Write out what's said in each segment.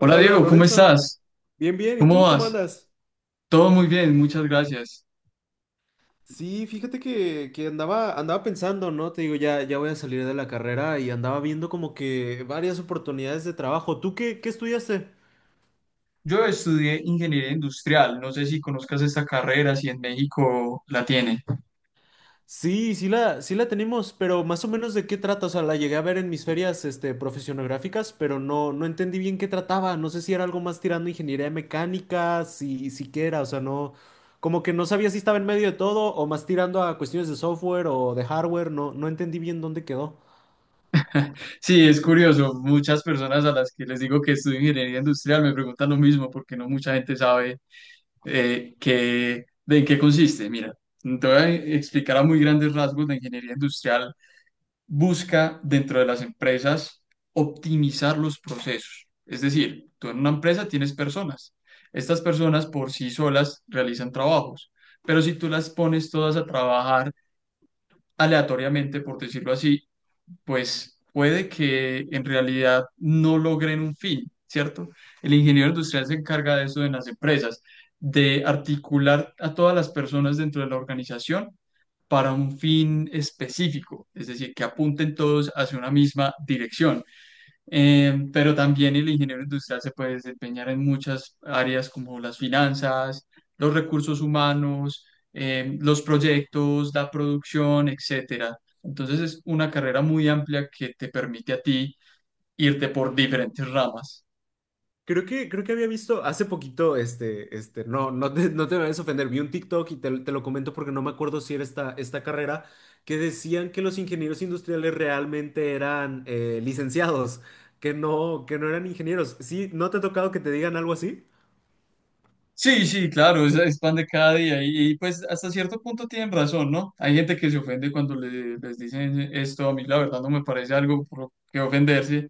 Hola hola Diego, ¿cómo Lorenzo. estás? Bien, bien. ¿Y ¿Cómo tú cómo vas? andas? Todo muy bien, muchas gracias. Sí, fíjate que andaba, andaba pensando, ¿no? Te digo, ya voy a salir de la carrera y andaba viendo como que varias oportunidades de trabajo. ¿Tú qué estudiaste? Yo estudié ingeniería industrial, no sé si conozcas esta carrera, si en México la tiene. Sí, sí la tenemos, pero más o menos de qué trata. O sea, la llegué a ver en mis ferias, este, profesionográficas, pero no entendí bien qué trataba. No sé si era algo más tirando ingeniería mecánica, si, siquiera, o sea, no, como que no sabía si estaba en medio de todo o más tirando a cuestiones de software o de hardware. No, no entendí bien dónde quedó. Sí, es curioso, muchas personas a las que les digo que estudio ingeniería industrial me preguntan lo mismo porque no mucha gente sabe de en qué consiste. Mira, te voy a explicar a muy grandes rasgos la ingeniería industrial busca dentro de las empresas optimizar los procesos. Es decir, tú en una empresa tienes personas. Estas personas por sí solas realizan trabajos, pero si tú las pones todas a trabajar aleatoriamente, por decirlo así, pues puede que en realidad no logren un fin, ¿cierto? El ingeniero industrial se encarga de eso en las empresas, de articular a todas las personas dentro de la organización para un fin específico, es decir, que apunten todos hacia una misma dirección. Pero también el ingeniero industrial se puede desempeñar en muchas áreas como las finanzas, los recursos humanos, los proyectos, la producción, etcétera. Entonces es una carrera muy amplia que te permite a ti irte por diferentes ramas. Creo que había visto hace poquito, este, no te vayas a ofender, vi un TikTok y te lo comento porque no me acuerdo si era esta, esta carrera, que decían que los ingenieros industriales realmente eran licenciados, que no eran ingenieros. ¿Sí? ¿No te ha tocado que te digan algo así? Sí, sí, claro, es pan de cada día y pues hasta cierto punto tienen razón, ¿no? Hay gente que se ofende cuando les dicen esto, a mí la verdad no me parece algo por lo que ofenderse.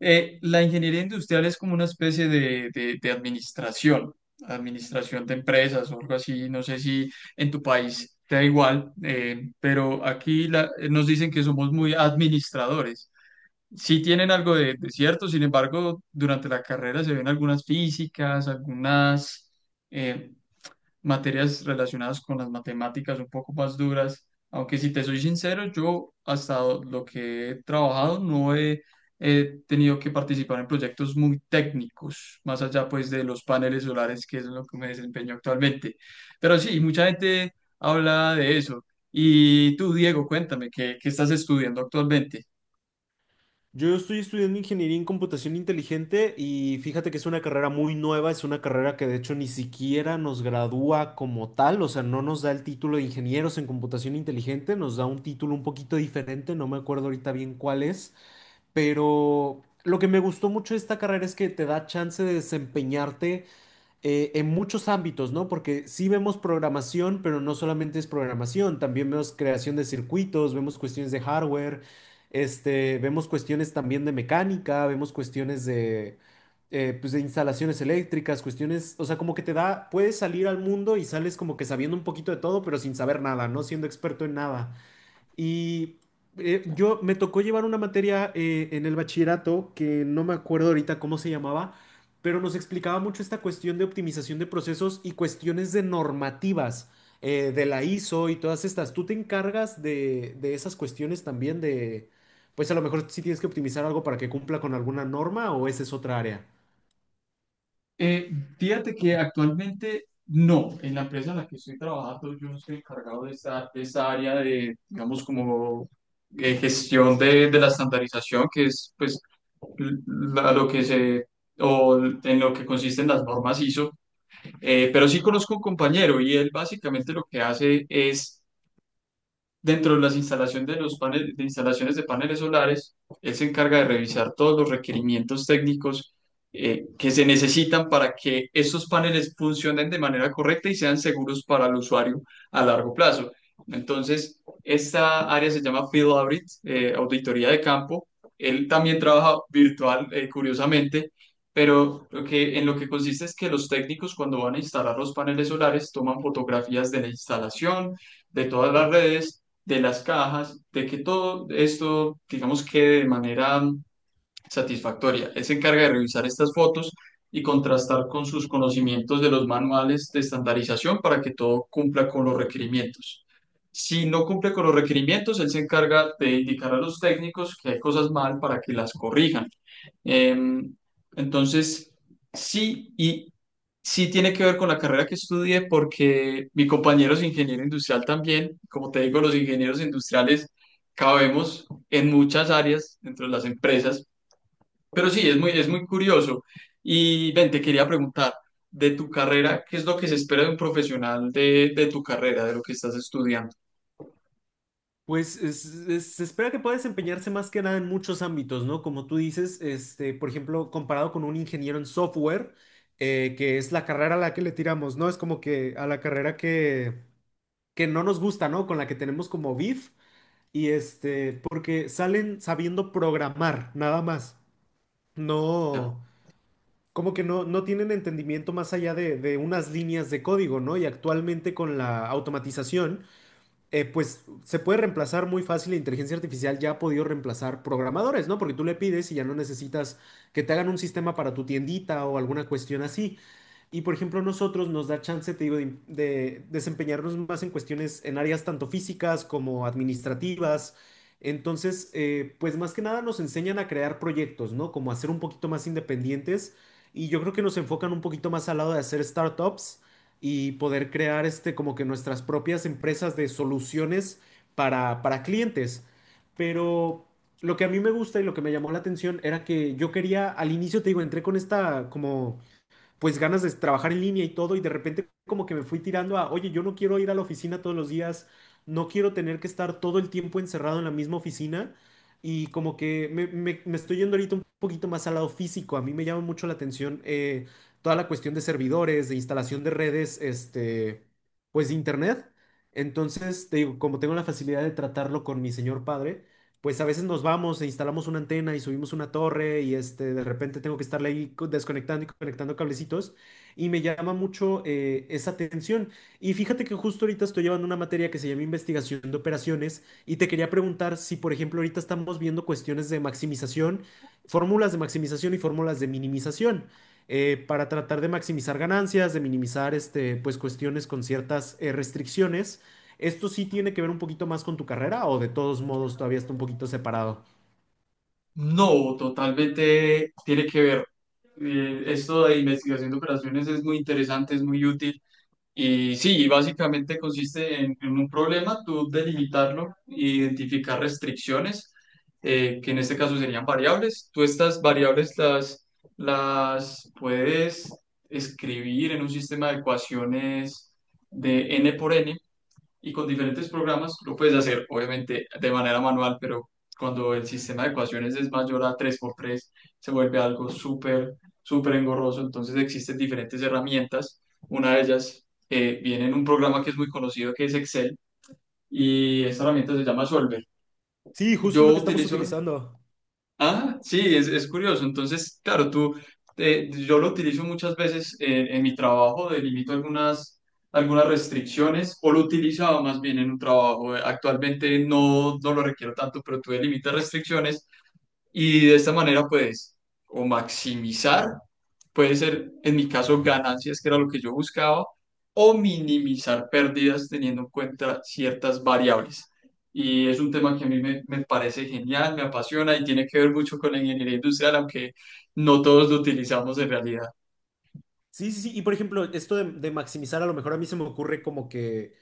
La ingeniería industrial es como una especie de administración, administración de empresas o algo así, no sé si en tu país te da igual, pero aquí nos dicen que somos muy administradores. Sí tienen algo de cierto, sin embargo, durante la carrera se ven algunas físicas, algunas eh, materias relacionadas con las matemáticas un poco más duras, aunque si te soy sincero, yo hasta lo que he trabajado no he, he tenido que participar en proyectos muy técnicos, más allá pues de los paneles solares, que es en lo que me desempeño actualmente. Pero sí, mucha gente habla de eso. Y tú, Diego, cuéntame, ¿ qué estás estudiando actualmente? Yo estoy estudiando ingeniería en computación inteligente y fíjate que es una carrera muy nueva, es una carrera que de hecho ni siquiera nos gradúa como tal, o sea, no nos da el título de ingenieros en computación inteligente, nos da un título un poquito diferente, no me acuerdo ahorita bien cuál es, pero lo que me gustó mucho de esta carrera es que te da chance de desempeñarte en muchos ámbitos, ¿no? Porque sí vemos programación, pero no solamente es programación, también vemos creación de circuitos, vemos cuestiones de hardware, este, vemos cuestiones también de mecánica, vemos cuestiones de, pues de instalaciones eléctricas, cuestiones, o sea, como que te da, puedes salir al mundo y sales como que sabiendo un poquito de todo, pero sin saber nada, no siendo experto en nada. Y yo me tocó llevar una materia en el bachillerato que no me acuerdo ahorita cómo se llamaba, pero nos explicaba mucho esta cuestión de optimización de procesos y cuestiones de normativas de la ISO y todas estas. ¿Tú te encargas de esas cuestiones también de, pues a lo mejor si tienes que optimizar algo para que cumpla con alguna norma o esa es otra área? Eh, Fíjate que actualmente no, en la empresa en la que estoy trabajando yo no estoy encargado de esa de esta área de, digamos, como gestión de la estandarización, que es pues l- lo o en lo que consisten las normas ISO. Pero sí conozco un compañero y él básicamente lo que hace es dentro de las instalaciones de los paneles, de instalaciones de paneles solares, él se encarga de revisar todos los requerimientos técnicos que se necesitan para que estos paneles funcionen de manera correcta y sean seguros para el usuario a largo plazo. Entonces, esta área se llama Field Audit, auditoría de campo. Él también trabaja virtual, curiosamente, pero en lo que consiste es que los técnicos cuando van a instalar los paneles solares toman fotografías de la instalación, de todas las redes de las cajas, de que todo esto, digamos, quede de manera satisfactoria. Él se encarga de revisar estas fotos y contrastar con sus conocimientos de los manuales de estandarización para que todo cumpla con los requerimientos. Si no cumple con los requerimientos, él se encarga de indicar a los técnicos que hay cosas mal para que las corrijan. Em, entonces, sí, y sí tiene que ver con la carrera que estudié porque mi compañero es ingeniero industrial también. Como te digo, los ingenieros industriales cabemos en muchas áreas dentro de las empresas. Pero sí, es muy curioso. Y ven, te quería preguntar, de tu carrera, ¿qué es lo que se espera de un profesional de tu carrera, de lo que estás estudiando? Pues es- se espera que pueda desempeñarse más que nada en muchos ámbitos, ¿no? Como tú dices, este, por ejemplo, comparado con un ingeniero en software, que es la carrera a la que le tiramos, ¿no? Es como que a la carrera que no nos gusta, ¿no? Con la que tenemos como beef, y este, porque salen sabiendo programar, nada más. Ya. No, como que no, no tienen entendimiento más allá de unas líneas de código, ¿no? Y actualmente con la automatización pues se puede reemplazar muy fácil, la inteligencia artificial ya ha podido reemplazar programadores, ¿no? Porque tú le pides y ya no necesitas que te hagan un sistema para tu tiendita o alguna cuestión así. Y por ejemplo, nosotros nos da chance, te digo, de desempeñarnos más en cuestiones, en áreas tanto físicas como administrativas. Entonces, pues más que nada nos enseñan a crear proyectos, ¿no? Como a ser un poquito más independientes. Y yo creo que nos enfocan un poquito más al lado de hacer startups y poder crear este, como que nuestras propias empresas de soluciones para clientes. Pero lo que a mí me gusta y lo que me llamó la atención era que yo quería, al inicio te digo, entré con esta como pues ganas de trabajar en línea y todo, y de repente como que me fui tirando a, oye, yo no quiero ir a la oficina todos los días, no quiero tener que estar todo el tiempo encerrado en la misma oficina, y como que me- me estoy yendo ahorita un poquito más al lado físico, a mí me llama mucho la atención toda la cuestión de servidores, de instalación de redes, este, pues de internet. Entonces, te digo, como tengo la facilidad de tratarlo con mi señor padre, pues a veces nos vamos e instalamos una antena y subimos una torre y este, de repente tengo que estarle ahí co- desconectando y conectando cablecitos y me llama mucho esa atención. Y fíjate que justo ahorita estoy llevando una materia que se llama investigación de operaciones y te quería preguntar si, por ejemplo, ahorita estamos viendo cuestiones de maximización, fórmulas de maximización y fórmulas de minimización. Para tratar de maximizar ganancias, de minimizar este, pues, cuestiones con ciertas restricciones. ¿Esto sí tiene que ver un poquito más con tu carrera o de todos modos todavía está un poquito separado? No, totalmente tiene que ver. Esto de investigación de operaciones es muy interesante, es muy útil, y sí, y básicamente consiste en un problema, tú delimitarlo, identificar restricciones, que en este caso serían variables. Tú estas las puedes escribir en un sistema de ecuaciones de n por n y con diferentes programas lo puedes hacer, obviamente, de manera manual, pero cuando el sistema de ecuaciones es mayor a tres por tres se vuelve algo súper engorroso. Entonces existen diferentes herramientas. Una de ellas viene en un programa que es muy conocido, que es Excel, y esta herramienta se llama Solver. Sí, justo es Yo lo que estamos utilizo. utilizando. Ah, sí, es curioso. Entonces, claro, tú, yo lo utilizo muchas veces en mi trabajo, delimito algunas restricciones, o lo utilizaba más bien en un trabajo. Actualmente no, no lo requiero tanto, pero tú delimitas restricciones y de esta manera, pues, o maximizar, puede ser, en mi caso, ganancias, que era lo que yo buscaba, o minimizar pérdidas teniendo en cuenta ciertas variables. Y es un tema que a me parece genial, me apasiona y tiene que ver mucho con la ingeniería industrial, aunque no todos lo utilizamos en realidad. Sí, sí, sí. Y por ejemplo, esto de maximizar, a lo mejor a mí se me ocurre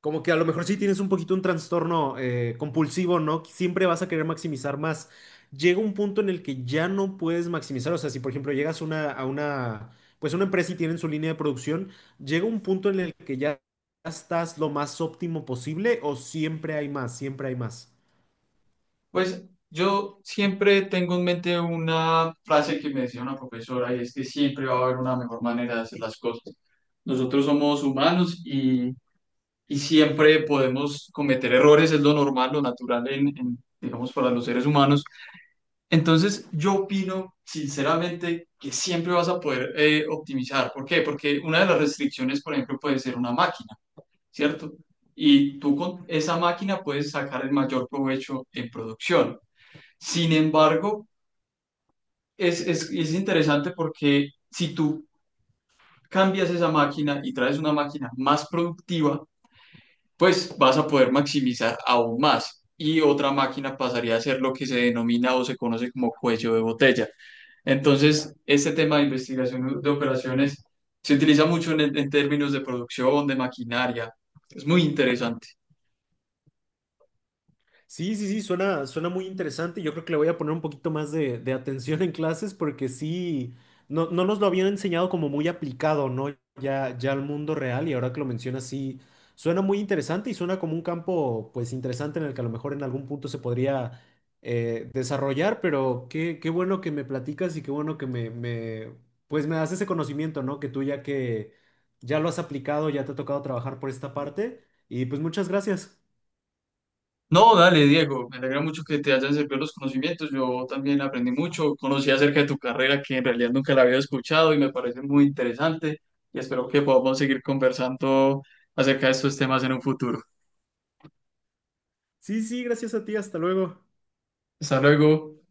como que a lo mejor sí tienes un poquito un trastorno compulsivo, ¿no? Que siempre vas a querer maximizar más. Llega un punto en el que ya no puedes maximizar. O sea, si por ejemplo llegas una, a una, pues una empresa y tienen su línea de producción, llega un punto en el que ya estás lo más óptimo posible o siempre hay más, siempre hay más. Pues yo siempre tengo en mente una frase que me decía una profesora y es que siempre va a haber una mejor manera de hacer las cosas. Nosotros somos humanos y siempre podemos cometer errores, es lo normal, lo natural digamos, para los seres humanos. Entonces, yo opino sinceramente que siempre vas a poder optimizar. ¿Por qué? Porque una de las restricciones, por ejemplo, puede ser una máquina, ¿cierto? Y tú con esa máquina puedes sacar el mayor provecho en producción. Sin embargo, es interesante porque si tú cambias esa máquina y traes una máquina más productiva, pues vas a poder maximizar aún más. Y otra máquina pasaría a ser lo que se denomina o se conoce como cuello de botella. Entonces, este tema de investigación de operaciones se utiliza mucho en términos de producción, de maquinaria. Es muy interesante. Sí, sí, sí, suena, suena muy interesante. Yo creo que le voy a poner un poquito más de atención en clases porque sí, no, no nos lo habían enseñado como muy aplicado, ¿no? Ya, ya al mundo real y ahora que lo mencionas, sí, suena muy interesante y suena como un campo, pues, interesante en el que a lo mejor en algún punto se podría desarrollar, pero qué, qué bueno que me platicas y qué bueno que me, pues, me das ese conocimiento, ¿no? Que tú ya que ya lo has aplicado, ya te ha tocado trabajar por esta parte y pues muchas gracias. No, dale, Diego, me alegra mucho que te hayan servido los conocimientos. Yo también aprendí mucho, conocí acerca de tu carrera que en realidad nunca la había escuchado y me parece muy interesante y espero que podamos seguir conversando acerca de estos temas en un futuro. Sí, sí, gracias a ti, hasta luego. Hasta luego.